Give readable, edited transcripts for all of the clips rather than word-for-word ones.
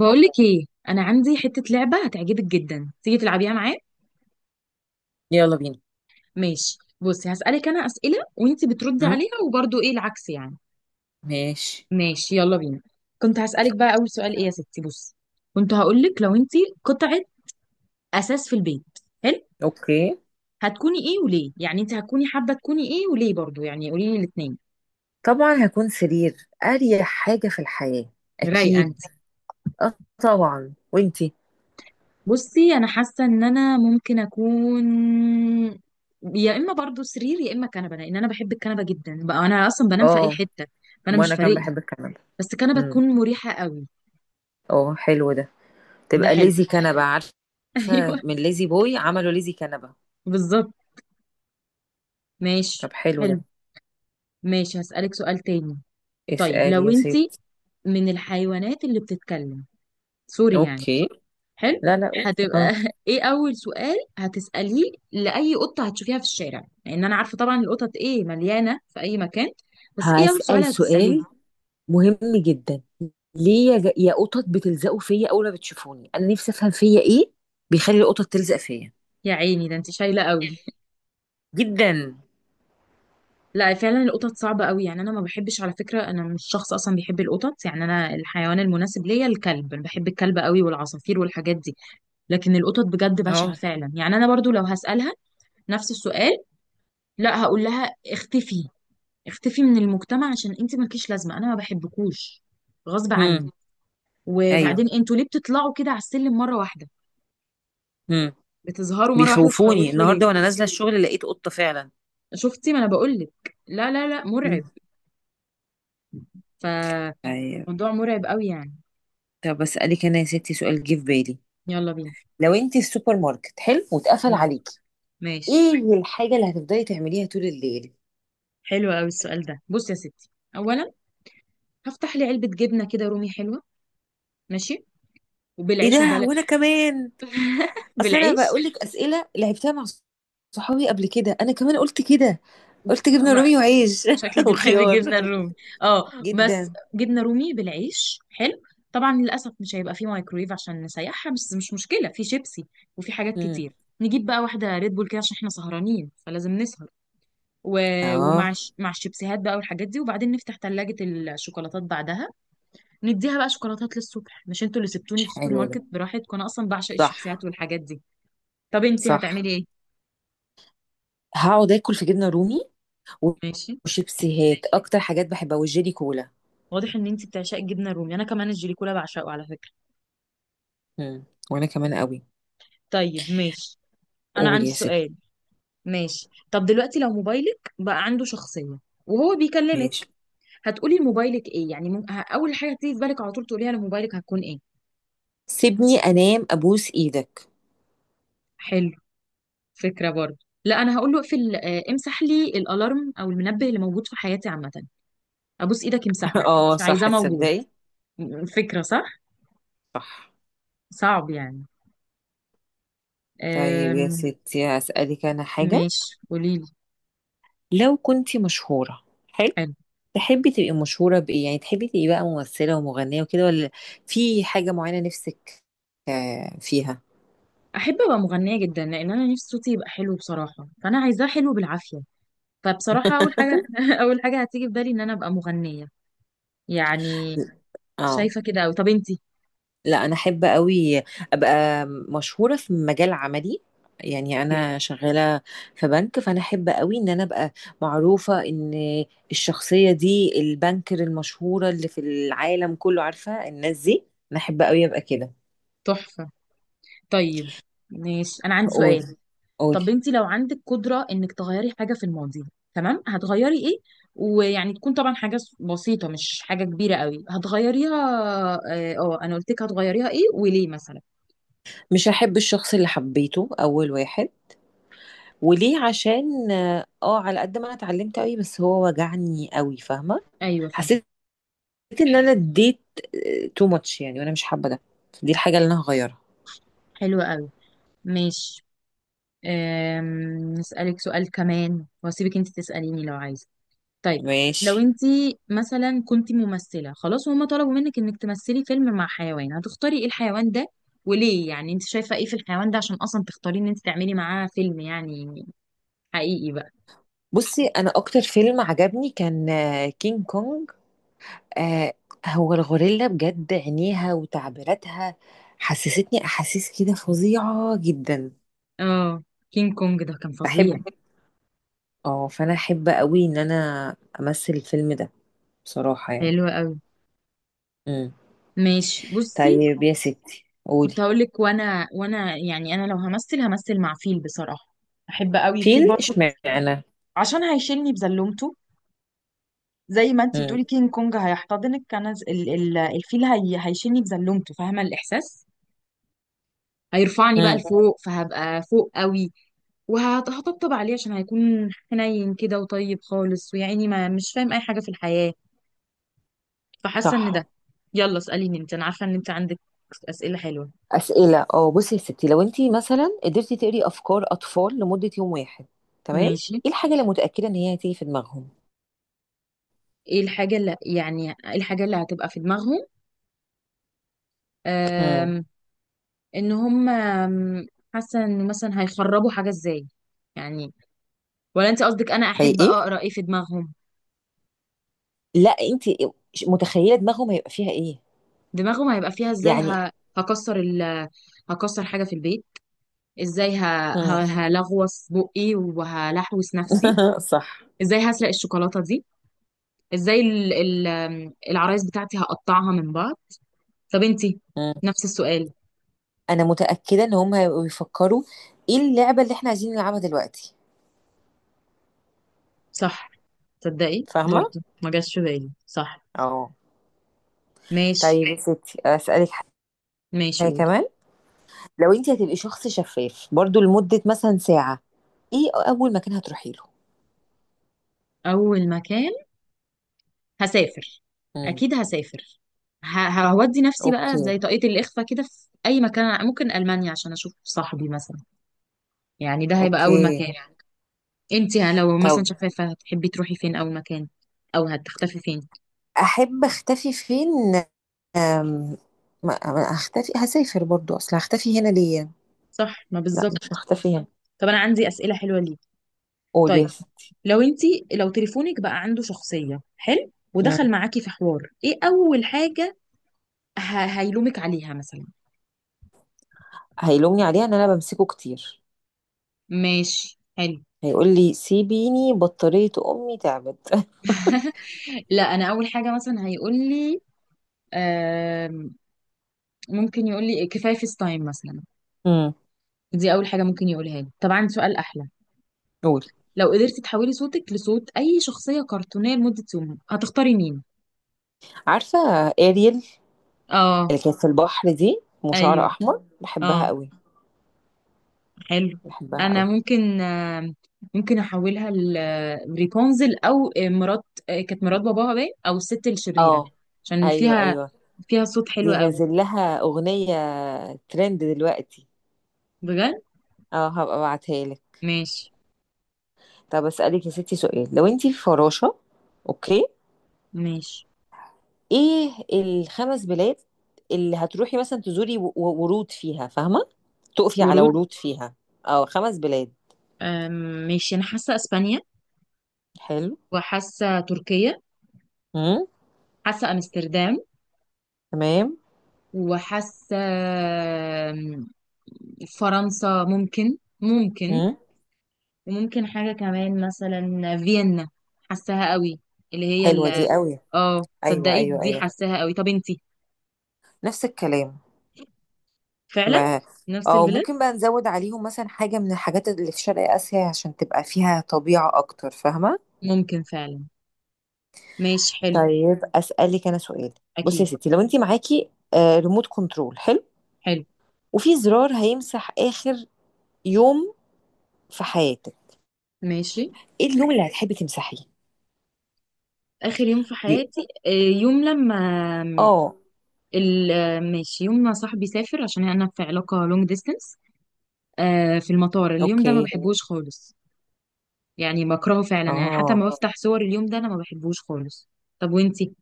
بقولك ايه؟ انا عندي حته لعبه هتعجبك جدا. تيجي تلعبيها معايا؟ يلا بينا. ماشي بصي، هسالك انا اسئله وانتي بتردي هم؟ عليها، وبرضو ايه العكس يعني. ماشي. ماشي يلا بينا. كنت هسالك بقى اول سؤال ايه يا ستي. بصي كنت هقولك لو انتي قطعه اساس في البيت. حلو. اوكي. هتكوني ايه وليه؟ يعني انتي هتكوني حابه تكوني ايه وليه برضو؟ يعني قولي لي الاثنين. طبعا هكون سرير، اريح حاجة في الحياة. رايقه. اكيد. اه، طبعا وانتي؟ بصي انا حاسه ان انا ممكن اكون يا اما برضو سرير يا اما كنبه، لان انا بحب الكنبه جدا بقى. انا اصلا بنام في اي اه، حته، فانا مش وانا فارق كان لي. بحب الكنبة. بس كنبه امم تكون مريحه قوي. اه، حلو ده. ده تبقى حلو. ليزي كنبة، عارفة؟ ايوه. من ليزي بوي عملوا ليزي كنبة. بالظبط. ماشي. طب حلو حلو. ده. ماشي هسالك سؤال تاني. طيب اسأل لو يا انت ست. من الحيوانات اللي بتتكلم، سوري يعني. اوكي. حلو. لا، لا، أوكي. اه. هتبقى ايه اول سؤال هتسأليه لأي قطة هتشوفيها في الشارع؟ لان انا عارفة طبعا القطط ايه مليانة في اي مكان. بس ايه اول سؤال هسأل هتسأليه؟ سؤال مهم جدا. ليه يا يا قطط بتلزقوا فيا اول ما بتشوفوني؟ انا نفسي افهم فيا ايه بيخلي القطط تلزق فيا. يا عيني، ده انت شايلة قوي. جدا. لا فعلا، القطط صعبة قوي يعني. انا ما بحبش على فكرة، انا مش شخص اصلا بيحب القطط يعني. انا الحيوان المناسب ليا الكلب، انا بحب الكلب قوي، والعصافير والحاجات دي. لكن القطط بجد اه. بشعة فعلا يعني. انا برضو لو هسألها نفس السؤال، لا هقول لها اختفي. اختفي من المجتمع، عشان انت مالكيش لازمه، انا ما بحبكوش غصب هم. عني. ايوه. وبعدين انتوا ليه بتطلعوا كده على السلم مره واحده؟ هم. بتظهروا مره واحده بيخوفوني، تخوفوا ليه؟ النهارده وانا نازله الشغل لقيت قطه فعلا. شفتي، ما انا بقول لك، لا لا لا هم. مرعب. فموضوع ايوه. مرعب قوي يعني. طب اسالك انا يا ستي سؤال جه في بالي. يلا بينا. لو انت في السوبر ماركت، حلو، واتقفل ماشي. عليكي، ماشي. ايه الحاجه اللي هتفضلي تعمليها طول الليل؟ حلو قوي السؤال ده. بصي يا ستي، اولا هفتح لي علبه جبنه كده رومي حلوه. ماشي. ايه وبالعيش ده، البلد. وانا كمان! اصل انا بالعيش. بقول لك اسئله لعبتها مع صحابي قبل كده، انا كمان قلت كده. قلت جبنه رومي وعيش شكلك بتحبي وخيار. الجبنه الرومي. اه بس جدا. جبنه رومي بالعيش حلو. طبعا للاسف مش هيبقى فيه مايكرويف عشان نسيحها، بس مش مشكله، في شيبسي وفي حاجات هم. كتير. نجيب بقى واحده ريد بول كده عشان احنا سهرانين فلازم نسهر، و... اه، مع الشيبسيهات بقى والحاجات دي، وبعدين نفتح ثلاجه الشوكولاتات بعدها، نديها بقى شوكولاتات للصبح. مش انتوا اللي سبتوني في السوبر حلو ده. ماركت براحتكم؟ انا اصلا بعشق صح. الشيبسيهات والحاجات دي. طب انتي صح. هتعملي ايه؟ هقعد اكل في جبنه رومي ماشي. وشيبسيهات، اكتر حاجات بحبها، والجيلي كولا. واضح ان انتي بتعشقي الجبنه الرومي، انا كمان الجليكولا بعشقه على فكره. مم. وانا كمان قوي. طيب ماشي. انا قول عندي يا ستي. سؤال. ماشي طب دلوقتي لو موبايلك بقى عنده شخصية وهو بيكلمك، ماشي. هتقولي لموبايلك ايه؟ يعني اول حاجة تيجي في بالك على طول تقوليها لموبايلك هتكون ايه؟ سيبني انام، ابوس ايدك. حلو. فكرة برضه. لا انا هقول له اقفل، امسح لي الالارم او المنبه اللي موجود في حياتي عامة. ابوس ايدك امسحه، اه مش عايزاه صح، موجود. تصدقي. فكرة صح. صح. صعب يعني. طيب يا أم... ستي هسألك انا حاجة. ماشي قوليلي. لو كنتي مشهورة، حلو، حلو. تحبي تبقي مشهورة بإيه؟ يعني تحبي تبقي بقى ممثلة ومغنية وكده، ولا في حاجة معينة نفسك آه، فيها؟ احب ابقى مغنية جدا، لان انا نفسي صوتي يبقى حلو بصراحة، فانا عايزاه حلو بالعافية. فبصراحة أول حاجة أول حاجة هتيجي في بالي إن أنا أبقى مغنية يعني. اه. شايفة كده أوي. طب أنتي؟ لا، انا احب قوي ابقى مشهوره في مجال عملي. يعني اوكي. انا شغاله في بنك، فانا احب قوي ان انا ابقى معروفه ان الشخصيه دي البنكر المشهوره اللي في العالم كله، عارفه الناس دي. انا احب قوي ابقى كده. تحفة. طيب ماشي. أنا عندي قول. سؤال. طب قولي. أنتي لو عندك قدرة إنك تغيري حاجة في الماضي، تمام، هتغيري إيه؟ ويعني تكون طبعا حاجة بسيطة، مش حاجة كبيرة أوي هتغيريها. أنا قلت لك هتغيريها إيه وليه مثلا. مش هحب الشخص اللي حبيته اول واحد. وليه؟ عشان اه على قد ما انا اتعلمت قوي، بس هو وجعني قوي، فاهمه. أيوة فاهمة. حسيت ان انا اديت تو ماتش يعني، وانا مش حابه ده. دي الحاجه اللي انا هغيرها. حلوة أوي. ماشي. نسألك سؤال كمان وأسيبك أنتي تسأليني لو عايزة. طيب لو ماشي. انت مثلا كنت ممثلة خلاص وهم طلبوا منك انك تمثلي فيلم مع حيوان، هتختاري ايه الحيوان ده وليه؟ يعني انت شايفة ايه في الحيوان ده عشان اصلا تختاري ان انت تعملي معاه فيلم يعني، حقيقي بقى. بصي، انا اكتر فيلم عجبني كان كينج كونج. آه، هو الغوريلا بجد، عينيها وتعبيراتها حسستني احاسيس كده فظيعة جدا. اه كينج كونج ده كان فظيع. بحب. اه، فانا احب قوي ان انا امثل الفيلم ده، بصراحة يعني. حلو قوي. امم ماشي بصي. طيب يا ستي قولي. كنت هقول لك، وانا يعني انا لو همثل همثل مع فيل بصراحة. احب قوي فيل فيل، برضه، اشمعنى؟ عشان هيشيلني بزلومته. زي ما انت امم بتقولي كينج كونج هيحتضنك، انا الفيل هي هيشيلني بزلومته، فاهمة الاحساس. هيرفعني بقى امم لفوق فهبقى فوق قوي، وهطبطب عليه، عشان هيكون حنين كده وطيب خالص، ويعني ما مش فاهم اي حاجة في الحياة. فحاسة ان صح. ده. يلا اسأليني انت، انا عارفة ان انت عندك اسئلة حلوة. اسئله، بصي يا ستي. لو انت مثلا قدرتي تقري افكار اطفال لمده يوم واحد، تمام، ماشي. ايه الحاجه اللي متاكده ان هي هتيجي في دماغهم؟ ايه الحاجة اللي هتبقى في دماغهم؟ امم آم، ان هم، حاسة ان مثلا هيخربوا حاجة ازاي يعني؟ ولا انت قصدك انا احب حقيقي. اقرا ايه في دماغهم؟ لا، انت متخيله دماغهم هيبقى فيها ايه، دماغهم هيبقى فيها ازاي. يعني. هكسر ال هكسر حاجة في البيت. ازاي امم هلغوص بقي وهلحوس نفسي. صح. ازاي هسرق الشوكولاتة دي. ازاي ال- ال- آم، العرايس بتاعتي هقطعها من بعض. طب انتي، امم نفس السؤال. انا متاكده ان هم هيبقوا بيفكروا ايه اللعبه اللي احنا عايزين نلعبها دلوقتي. صح. تصدقي فاهمة. برضو ما جاش في بالي. صح. اه. ماشي. طيب يا ستي اسالك حاجه ماشي قولي. كمان. لو انت هتبقي شخص شفاف برضو لمده مثلا ساعه، ايه اول مكان هتروحي له؟ اول مكان هسافر. امم اكيد هسافر. هودي نفسي بقى اوكي. زي طاقية الإخفاء كده في أي مكان، ممكن ألمانيا عشان أشوف صاحبي مثلا. يعني ده هيبقى اوكي. أول مكان. انتي لو مثلا طب شفافة هتحبي تروحي فين أول مكان؟ أو هتختفي فين؟ احب اختفي فين؟ أم... ما اختفي؟ هسافر برضو، اصل هختفي هنا ليه؟ صح ما لا، مش بالظبط. هختفي هنا. طب أنا عندي أسئلة حلوة ليك. قول طيب يا ستي. لو انتي لو تليفونك بقى عنده شخصية حلو مم. ودخل معاكي في حوار، ايه أول حاجة هيلومك عليها مثلا؟ هيلومني عليها ان انا بمسكه كتير. ماشي حلو. هيقول لي سيبيني، بطارية امي تعبت. لا انا اول حاجه مثلا هيقول لي، آم، ممكن يقول لي كفايه فيس تايم مثلا. مم. دي اول حاجه ممكن يقولها لي. طبعا سؤال احلى. قول. لو قدرتي تحولي صوتك لصوت اي شخصيه كرتونيه لمده يوم، هتختاري مين؟ عارفة، اريل، اه. اللي كانت في البحر دي وشعر ايوه. احمر، بحبها اه. قوي. حلو. بحبها انا قوي. ممكن ممكن احولها لريبونزل، او مرات، كانت مرات باباها باين، او الست الشريره، اه. عشان ايوه، فيها ايوه. فيها صوت حلو دي قوي. نازل لها اغنية ترند دلوقتي. بجد. اه، هبقى ابعتها لك. ماشي. طب اسألك يا ستي سؤال. لو انتي في فراشة، اوكي، ماشي. ايه الخمس بلاد اللي هتروحي مثلا تزوري ورود فيها، فاهمة؟ تقفي على ورود. ورود فيها. اه، خمس بلاد. آم، ماشي انا حاسه اسبانيا، حلو. وحاسه تركيا، امم حاسه امستردام، تمام. وحاسه آم، فرنسا ممكن ممكن، امم وممكن حاجة كمان مثلا فيينا، حاساها قوي. اللي هي حلوة ال دي قوي. اه ايوه، صدقي ايوه، دي ايوه. حاساها قوي. طب انتي؟ نفس الكلام. فعلا ما! نفس او البلاد. ممكن بقى نزود عليهم مثلا حاجة من الحاجات اللي في شرق آسيا، عشان تبقى فيها طبيعة اكتر، فاهمة؟ ممكن فعلا. ماشي حلو. طيب اسألك انا سؤال. بصي اكيد. يا ستي، لو انتي معاكي ريموت كنترول حلو. وفي زرار هيمسح آخر يوم في حياتك، ماشي. ايه اليوم اللي هتحبي تمسحيه؟ اخر يوم في ي- حياتي، يوم لما اه. ال... آه، ماشي يوم ما صاحبي سافر، عشان انا في علاقة لونج ديستنس. في المطار اليوم ده ما اوكي. بحبوش خالص، يعني بكرهه فعلا يعني، حتى اه. ما بفتح صور اليوم ده، انا ما بحبوش خالص. طب وانتي؟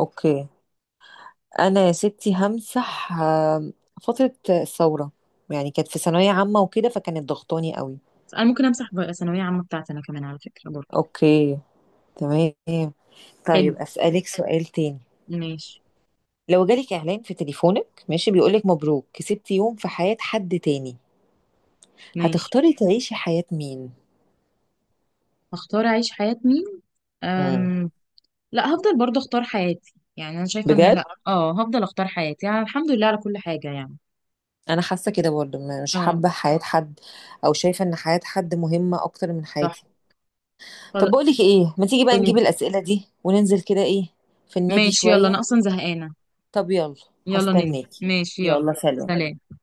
اوكي. انا يا ستي همسح فترة الثورة. يعني كانت في ثانوية عامة وكده، فكانت ضغطاني قوي. انا ممكن امسح بقى ثانويه عامه بتاعتي انا كمان على فكره برضه. اوكي. تمام. حلو. طيب اسألك سؤال تاني. ماشي. لو جالك اعلان في تليفونك، ماشي، بيقولك مبروك كسبتي يوم في حياة حد تاني، ماشي. هتختاري تعيشي حياة مين؟ هختار اعيش حياه مين؟ امم أم... لا هفضل برضه اختار حياتي، يعني انا شايفه ان، لا بجد. اه هفضل اختار حياتي، يعني الحمد لله على كل حاجه يعني. انا حاسه كده برضه، مش اه. حابه حياه حد او شايفه ان حياه حد مهمه اكتر من صح. حياتي. طب خلاص. بقولك ايه، ما تيجي بقى قولي. نجيب الاسئله دي وننزل كده ايه في النادي ماشي يلا، انا شويه. اصلا زهقانه. طب يلا. يلا ننزل، هستناكي. ماشي يلا. يلا سلام. سلام.